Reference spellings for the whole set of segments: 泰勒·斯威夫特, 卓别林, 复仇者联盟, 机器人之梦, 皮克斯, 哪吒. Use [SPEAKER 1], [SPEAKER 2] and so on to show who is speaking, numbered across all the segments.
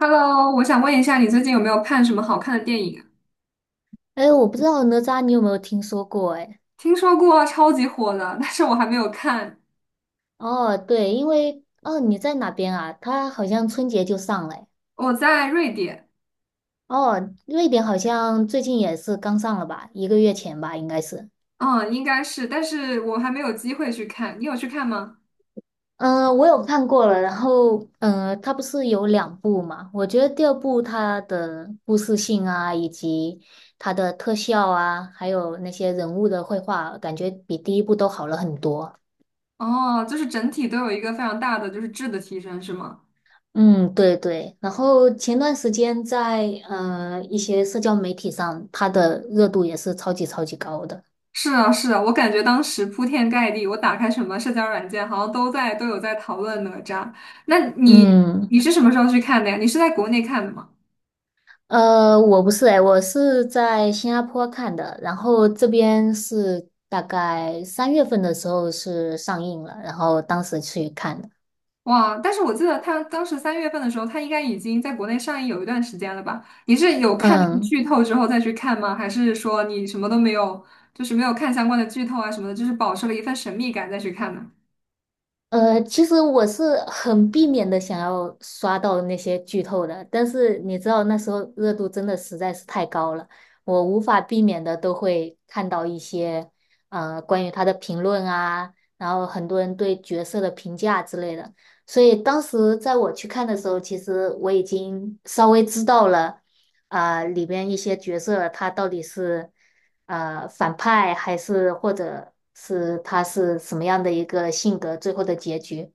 [SPEAKER 1] Hello，我想问一下，你最近有没有看什么好看的电影啊？
[SPEAKER 2] 哎，我不知道哪吒你有没有听说过？哎，
[SPEAKER 1] 听说过超级火的，但是我还没有看。
[SPEAKER 2] 哦，对，因为你在哪边啊？他好像春节就上了诶。
[SPEAKER 1] 我在瑞典，
[SPEAKER 2] 哦，瑞典好像最近也是刚上了吧？一个月前吧，应该是。
[SPEAKER 1] 嗯，应该是，但是我还没有机会去看。你有去看吗？
[SPEAKER 2] 嗯、我有看过了。然后，它不是有两部嘛？我觉得第二部它的故事性啊，以及它的特效啊，还有那些人物的绘画，感觉比第一部都好了很多。
[SPEAKER 1] 哦，就是整体都有一个非常大的就是质的提升，是吗？
[SPEAKER 2] 嗯，对对。然后前段时间在一些社交媒体上，它的热度也是超级超级高的。
[SPEAKER 1] 是啊，是啊，我感觉当时铺天盖地，我打开什么社交软件，好像都有在讨论哪吒。那你
[SPEAKER 2] 嗯，
[SPEAKER 1] 你是什么时候去看的呀？你是在国内看的吗？
[SPEAKER 2] 我不是哎，我是在新加坡看的，然后这边是大概三月份的时候是上映了，然后当时去看的。
[SPEAKER 1] 哇！但是我记得他当时三月份的时候，他应该已经在国内上映有一段时间了吧？你是有看到
[SPEAKER 2] 嗯。
[SPEAKER 1] 剧透之后再去看吗？还是说你什么都没有，就是没有看相关的剧透啊什么的，就是保持了一份神秘感再去看呢？
[SPEAKER 2] 其实我是很避免的想要刷到那些剧透的，但是你知道那时候热度真的实在是太高了，我无法避免的都会看到一些关于他的评论啊，然后很多人对角色的评价之类的，所以当时在我去看的时候，其实我已经稍微知道了里边一些角色他到底是。反派，还是或者是他是什么样的一个性格，最后的结局。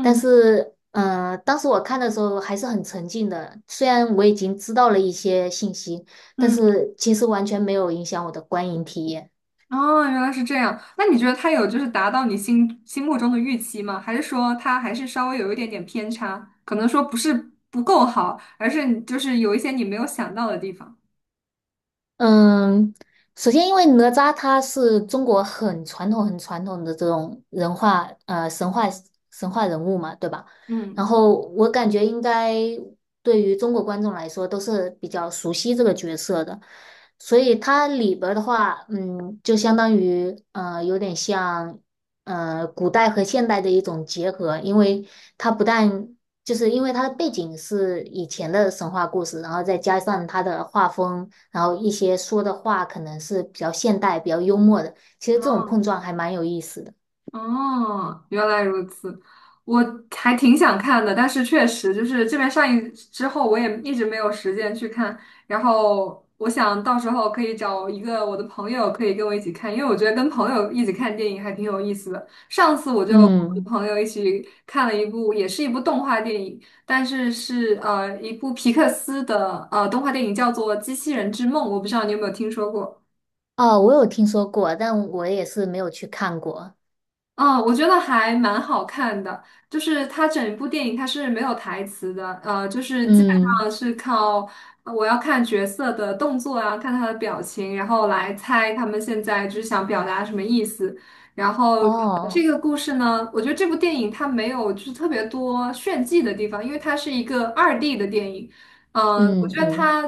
[SPEAKER 2] 但是，嗯，当时我看的时候还是很沉浸的，虽然我已经知道了一些信息，但
[SPEAKER 1] 嗯。
[SPEAKER 2] 是其实完全没有影响我的观影体验。
[SPEAKER 1] 哦，原来是这样。那你觉得他有就是达到你心目中的预期吗？还是说他还是稍微有一点点偏差？可能说不是不够好，而是你就是有一些你没有想到的地方。
[SPEAKER 2] 嗯，首先，因为哪吒他是中国很传统、很传统的这种人化神话人物嘛，对吧？然
[SPEAKER 1] 嗯
[SPEAKER 2] 后我感觉应该对于中国观众来说都是比较熟悉这个角色的，所以它里边儿的话，嗯，就相当于有点像古代和现代的一种结合，因为它不但就是因为它的背景是以前的神话故事，然后再加上它的画风。然后一些说的话可能是比较现代、比较幽默的。其实这种碰
[SPEAKER 1] 嗯。
[SPEAKER 2] 撞还蛮有意思的。
[SPEAKER 1] 哦，原来如此，我还挺想看的，但是确实就是这边上映之后，我也一直没有时间去看。然后我想到时候可以找一个我的朋友，可以跟我一起看，因为我觉得跟朋友一起看电影还挺有意思的。上次我就跟我的
[SPEAKER 2] 嗯。
[SPEAKER 1] 朋友一起看了一部，也是一部动画电影，但是是一部皮克斯的动画电影，叫做《机器人之梦》，我不知道你有没有听说过。
[SPEAKER 2] 哦，我有听说过，但我也是没有去看过。
[SPEAKER 1] 嗯，我觉得还蛮好看的，就是它整部电影它是没有台词的，就是基本上
[SPEAKER 2] 嗯。
[SPEAKER 1] 是靠我要看角色的动作啊，看他的表情，然后来猜他们现在就是想表达什么意思。然后
[SPEAKER 2] 哦。
[SPEAKER 1] 这个故事呢，我觉得这部电影它没有就是特别多炫技的地方，因为它是一个二 d 的电影。嗯，我
[SPEAKER 2] 嗯
[SPEAKER 1] 觉得
[SPEAKER 2] 嗯
[SPEAKER 1] 它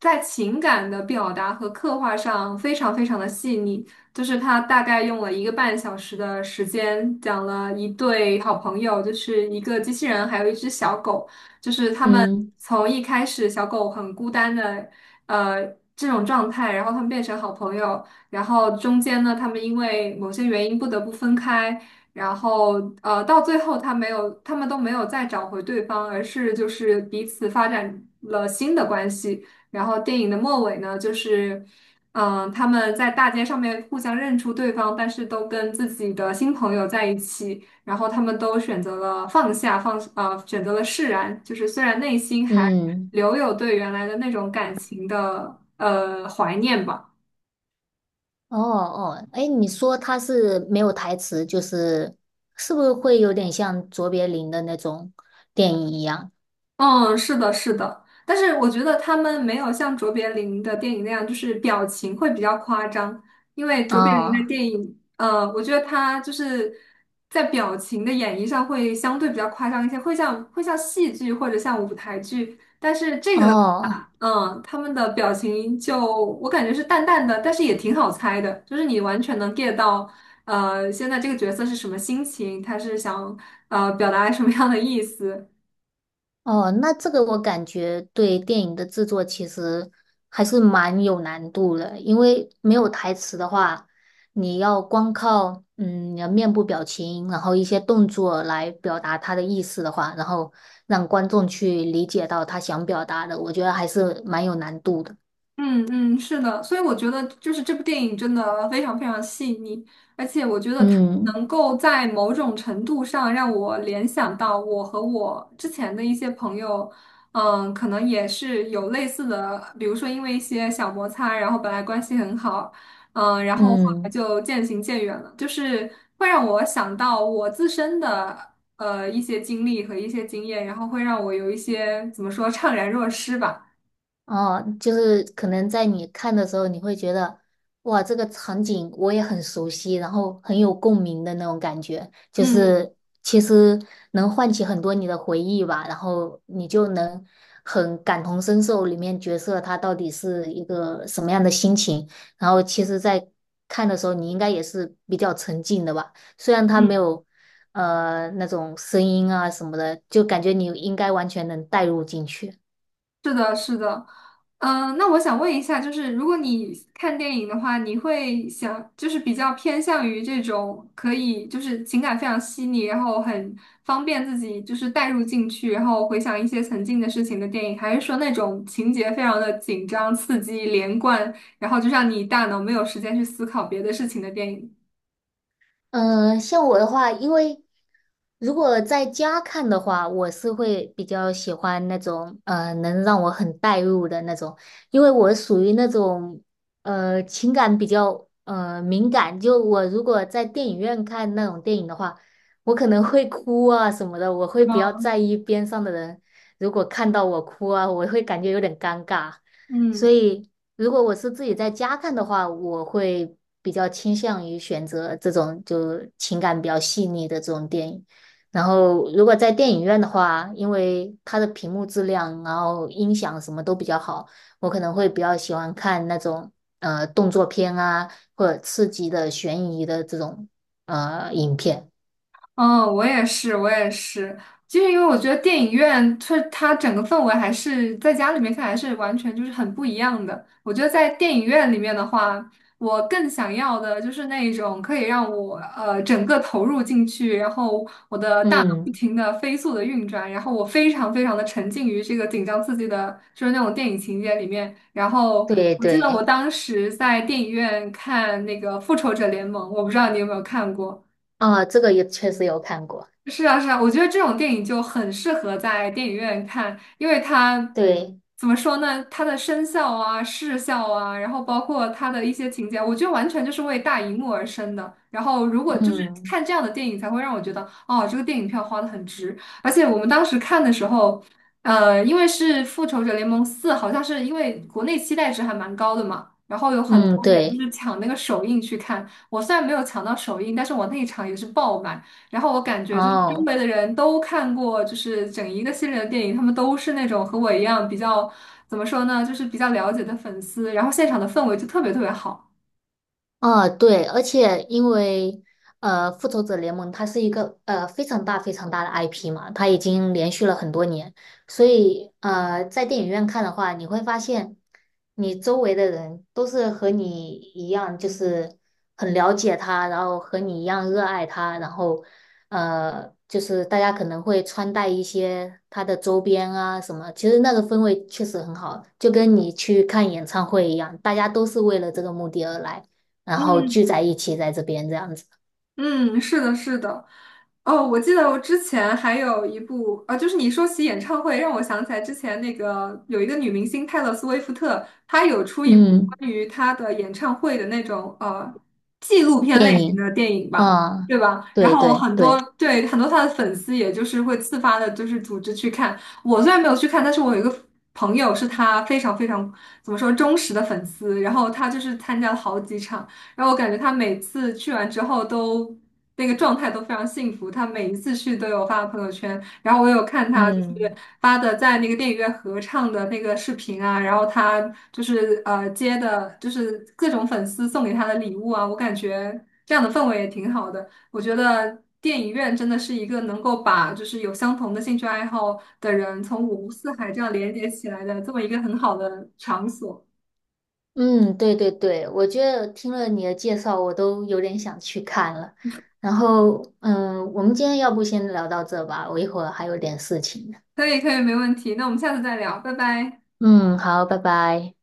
[SPEAKER 1] 在情感的表达和刻画上非常非常的细腻。就是他大概用了一个半小时的时间，讲了一对好朋友，就是一个机器人，还有一只小狗，就是他们
[SPEAKER 2] 嗯
[SPEAKER 1] 从一开始小狗很孤单的，呃，这种状态，然后他们变成好朋友，然后中间呢，他们因为某些原因不得不分开，然后到最后他们都没有再找回对方，而是就是彼此发展了新的关系。然后电影的末尾呢，就是。嗯，他们在大街上面互相认出对方，但是都跟自己的新朋友在一起，然后他们都选择了放下，选择了释然，就是虽然内心还
[SPEAKER 2] 嗯，
[SPEAKER 1] 留有对原来的那种感情的怀念吧。
[SPEAKER 2] 哦哦，哎，你说他是没有台词，就是是不是会有点像卓别林的那种电影一样？
[SPEAKER 1] 嗯，是的，是的，但是我觉得他们没有像卓别林的电影那样，就是表情会比较夸张，因为卓别林的
[SPEAKER 2] 哦
[SPEAKER 1] 电影，我觉得他就是在表情的演绎上会相对比较夸张一些，会像戏剧或者像舞台剧，
[SPEAKER 2] 哦。
[SPEAKER 1] 嗯，他们的表情我感觉是淡淡的，但是也挺好猜的，就是你完全能 get 到，现在这个角色是什么心情，他是想表达什么样的意思。
[SPEAKER 2] 哦，那这个我感觉对电影的制作其实还是蛮有难度的，因为没有台词的话，你要光靠你的面部表情，然后一些动作来表达他的意思的话，然后让观众去理解到他想表达的，我觉得还是蛮有难度的。
[SPEAKER 1] 嗯嗯，是的，所以我觉得就是这部电影真的非常非常细腻，而且我觉得它
[SPEAKER 2] 嗯
[SPEAKER 1] 能够在某种程度上让我联想到我和我之前的一些朋友。嗯，可能也是有类似的，比如说因为一些小摩擦，然后本来关系很好，嗯，然后后来
[SPEAKER 2] 嗯。
[SPEAKER 1] 就渐行渐远了，就是会让我想到我自身的一些经历和一些经验，然后会让我有一些怎么说怅然若失吧，
[SPEAKER 2] 哦，就是可能在你看的时候，你会觉得，哇，这个场景我也很熟悉，然后很有共鸣的那种感觉，就
[SPEAKER 1] 嗯。
[SPEAKER 2] 是其实能唤起很多你的回忆吧，然后你就能很感同身受里面角色他到底是一个什么样的心情，然后其实，在看的时候，你应该也是比较沉浸的吧，虽然他没
[SPEAKER 1] 嗯
[SPEAKER 2] 有那种声音啊什么的，就感觉你应该完全能带入进去。
[SPEAKER 1] 是的，是的，那我想问一下，就是如果你看电影的话，你会想就是比较偏向于这种可以就是情感非常细腻，然后很方便自己就是带入进去，然后回想一些曾经的事情的电影，还是说那种情节非常的紧张、刺激、连贯，然后就让你大脑没有时间去思考别的事情的电影？
[SPEAKER 2] 嗯，像我的话，因为如果在家看的话，我是会比较喜欢那种能让我很带入的那种，因为我属于那种情感比较敏感，就我如果在电影院看那种电影的话，我可能会哭啊什么的，我会比较
[SPEAKER 1] 嗯。
[SPEAKER 2] 在意边上的人，如果看到我哭啊，我会感觉有点尴尬，所
[SPEAKER 1] 嗯。
[SPEAKER 2] 以。如果我是自己在家看的话，我会比较倾向于选择这种就情感比较细腻的这种电影。然后，如果在电影院的话，因为它的屏幕质量，然后音响什么都比较好，我可能会比较喜欢看那种动作片啊，或者刺激的、悬疑的这种影片。
[SPEAKER 1] 嗯，我也是，我也是，就是因为我觉得电影院它整个氛围还是在家里面看还是完全就是很不一样的。我觉得在电影院里面的话，我更想要的就是那一种可以让我整个投入进去，然后我的大脑不
[SPEAKER 2] 嗯，
[SPEAKER 1] 停的飞速的运转，然后我非常非常的沉浸于这个紧张刺激的，就是那种电影情节里面。然后
[SPEAKER 2] 对
[SPEAKER 1] 我记得我
[SPEAKER 2] 对。
[SPEAKER 1] 当时在电影院看那个《复仇者联盟》，我不知道你有没有看过。
[SPEAKER 2] 啊，这个也确实有看过。
[SPEAKER 1] 是啊，是啊，我觉得这种电影就很适合在电影院看，因为它
[SPEAKER 2] 对。
[SPEAKER 1] 怎么说呢？它的声效啊、视效啊，然后包括它的一些情节，我觉得完全就是为大荧幕而生的。然后，如果就是
[SPEAKER 2] 嗯
[SPEAKER 1] 看这样的电影，才会让我觉得，哦，这个电影票花的很值。而且我们当时看的时候，因为是《复仇者联盟四》，好像是因为国内期待值还蛮高的嘛，然后有很
[SPEAKER 2] 嗯。
[SPEAKER 1] 多人就
[SPEAKER 2] 对。
[SPEAKER 1] 是抢那个首映去看。我虽然没有抢到首映，但是我那一场也是爆满。然后我感觉就是周
[SPEAKER 2] 哦。
[SPEAKER 1] 围的人都看过，就是整一个系列的电影，他们都是那种和我一样比较，怎么说呢，就是比较了解的粉丝，然后现场的氛围就特别特别好。
[SPEAKER 2] 啊，对，而且因为复仇者联盟》它是一个非常大非常大的 IP 嘛，它已经连续了很多年，所以在电影院看的话，你会发现你周围的人都是和你一样，就是很了解它，然后和你一样热爱它，然后就是大家可能会穿戴一些它的周边啊什么，其实那个氛围确实很好，就跟你去看演唱会一样，大家都是为了这个目的而来。然后聚
[SPEAKER 1] 嗯，
[SPEAKER 2] 在一起在这边这样子。
[SPEAKER 1] 嗯，是的，是的。哦，我记得我之前还有一部啊，就是你说起演唱会，让我想起来之前那个有一个女明星泰勒·斯威夫特，她有出一部
[SPEAKER 2] 嗯，
[SPEAKER 1] 关于她的演唱会的那种纪录片
[SPEAKER 2] 电
[SPEAKER 1] 类型
[SPEAKER 2] 影
[SPEAKER 1] 的电影吧，
[SPEAKER 2] 啊，
[SPEAKER 1] 对吧？然
[SPEAKER 2] 对
[SPEAKER 1] 后
[SPEAKER 2] 对
[SPEAKER 1] 很多
[SPEAKER 2] 对。
[SPEAKER 1] 对很多她的粉丝，也就是会自发的，就是组织去看。我虽然没有去看，但是我有一个朋友是她非常非常怎么说忠实的粉丝，然后她就是参加了好几场。然后我感觉他每次去完之后都那个状态都非常幸福，他每一次去都有发朋友圈，然后我有看他就是
[SPEAKER 2] 嗯
[SPEAKER 1] 发的在那个电影院合唱的那个视频啊，然后他就是接的就是各种粉丝送给他的礼物啊，我感觉这样的氛围也挺好的，我觉得。电影院真的是一个能够把就是有相同的兴趣爱好的人从五湖四海这样连接起来的这么一个很好的场所。
[SPEAKER 2] 嗯，对对对，我觉得听了你的介绍，我都有点想去看了。然后，嗯，我们今天要不先聊到这吧，我一会儿还有点事情。
[SPEAKER 1] 可以，可以，没问题。那我们下次再聊，拜拜。
[SPEAKER 2] 嗯，好，拜拜。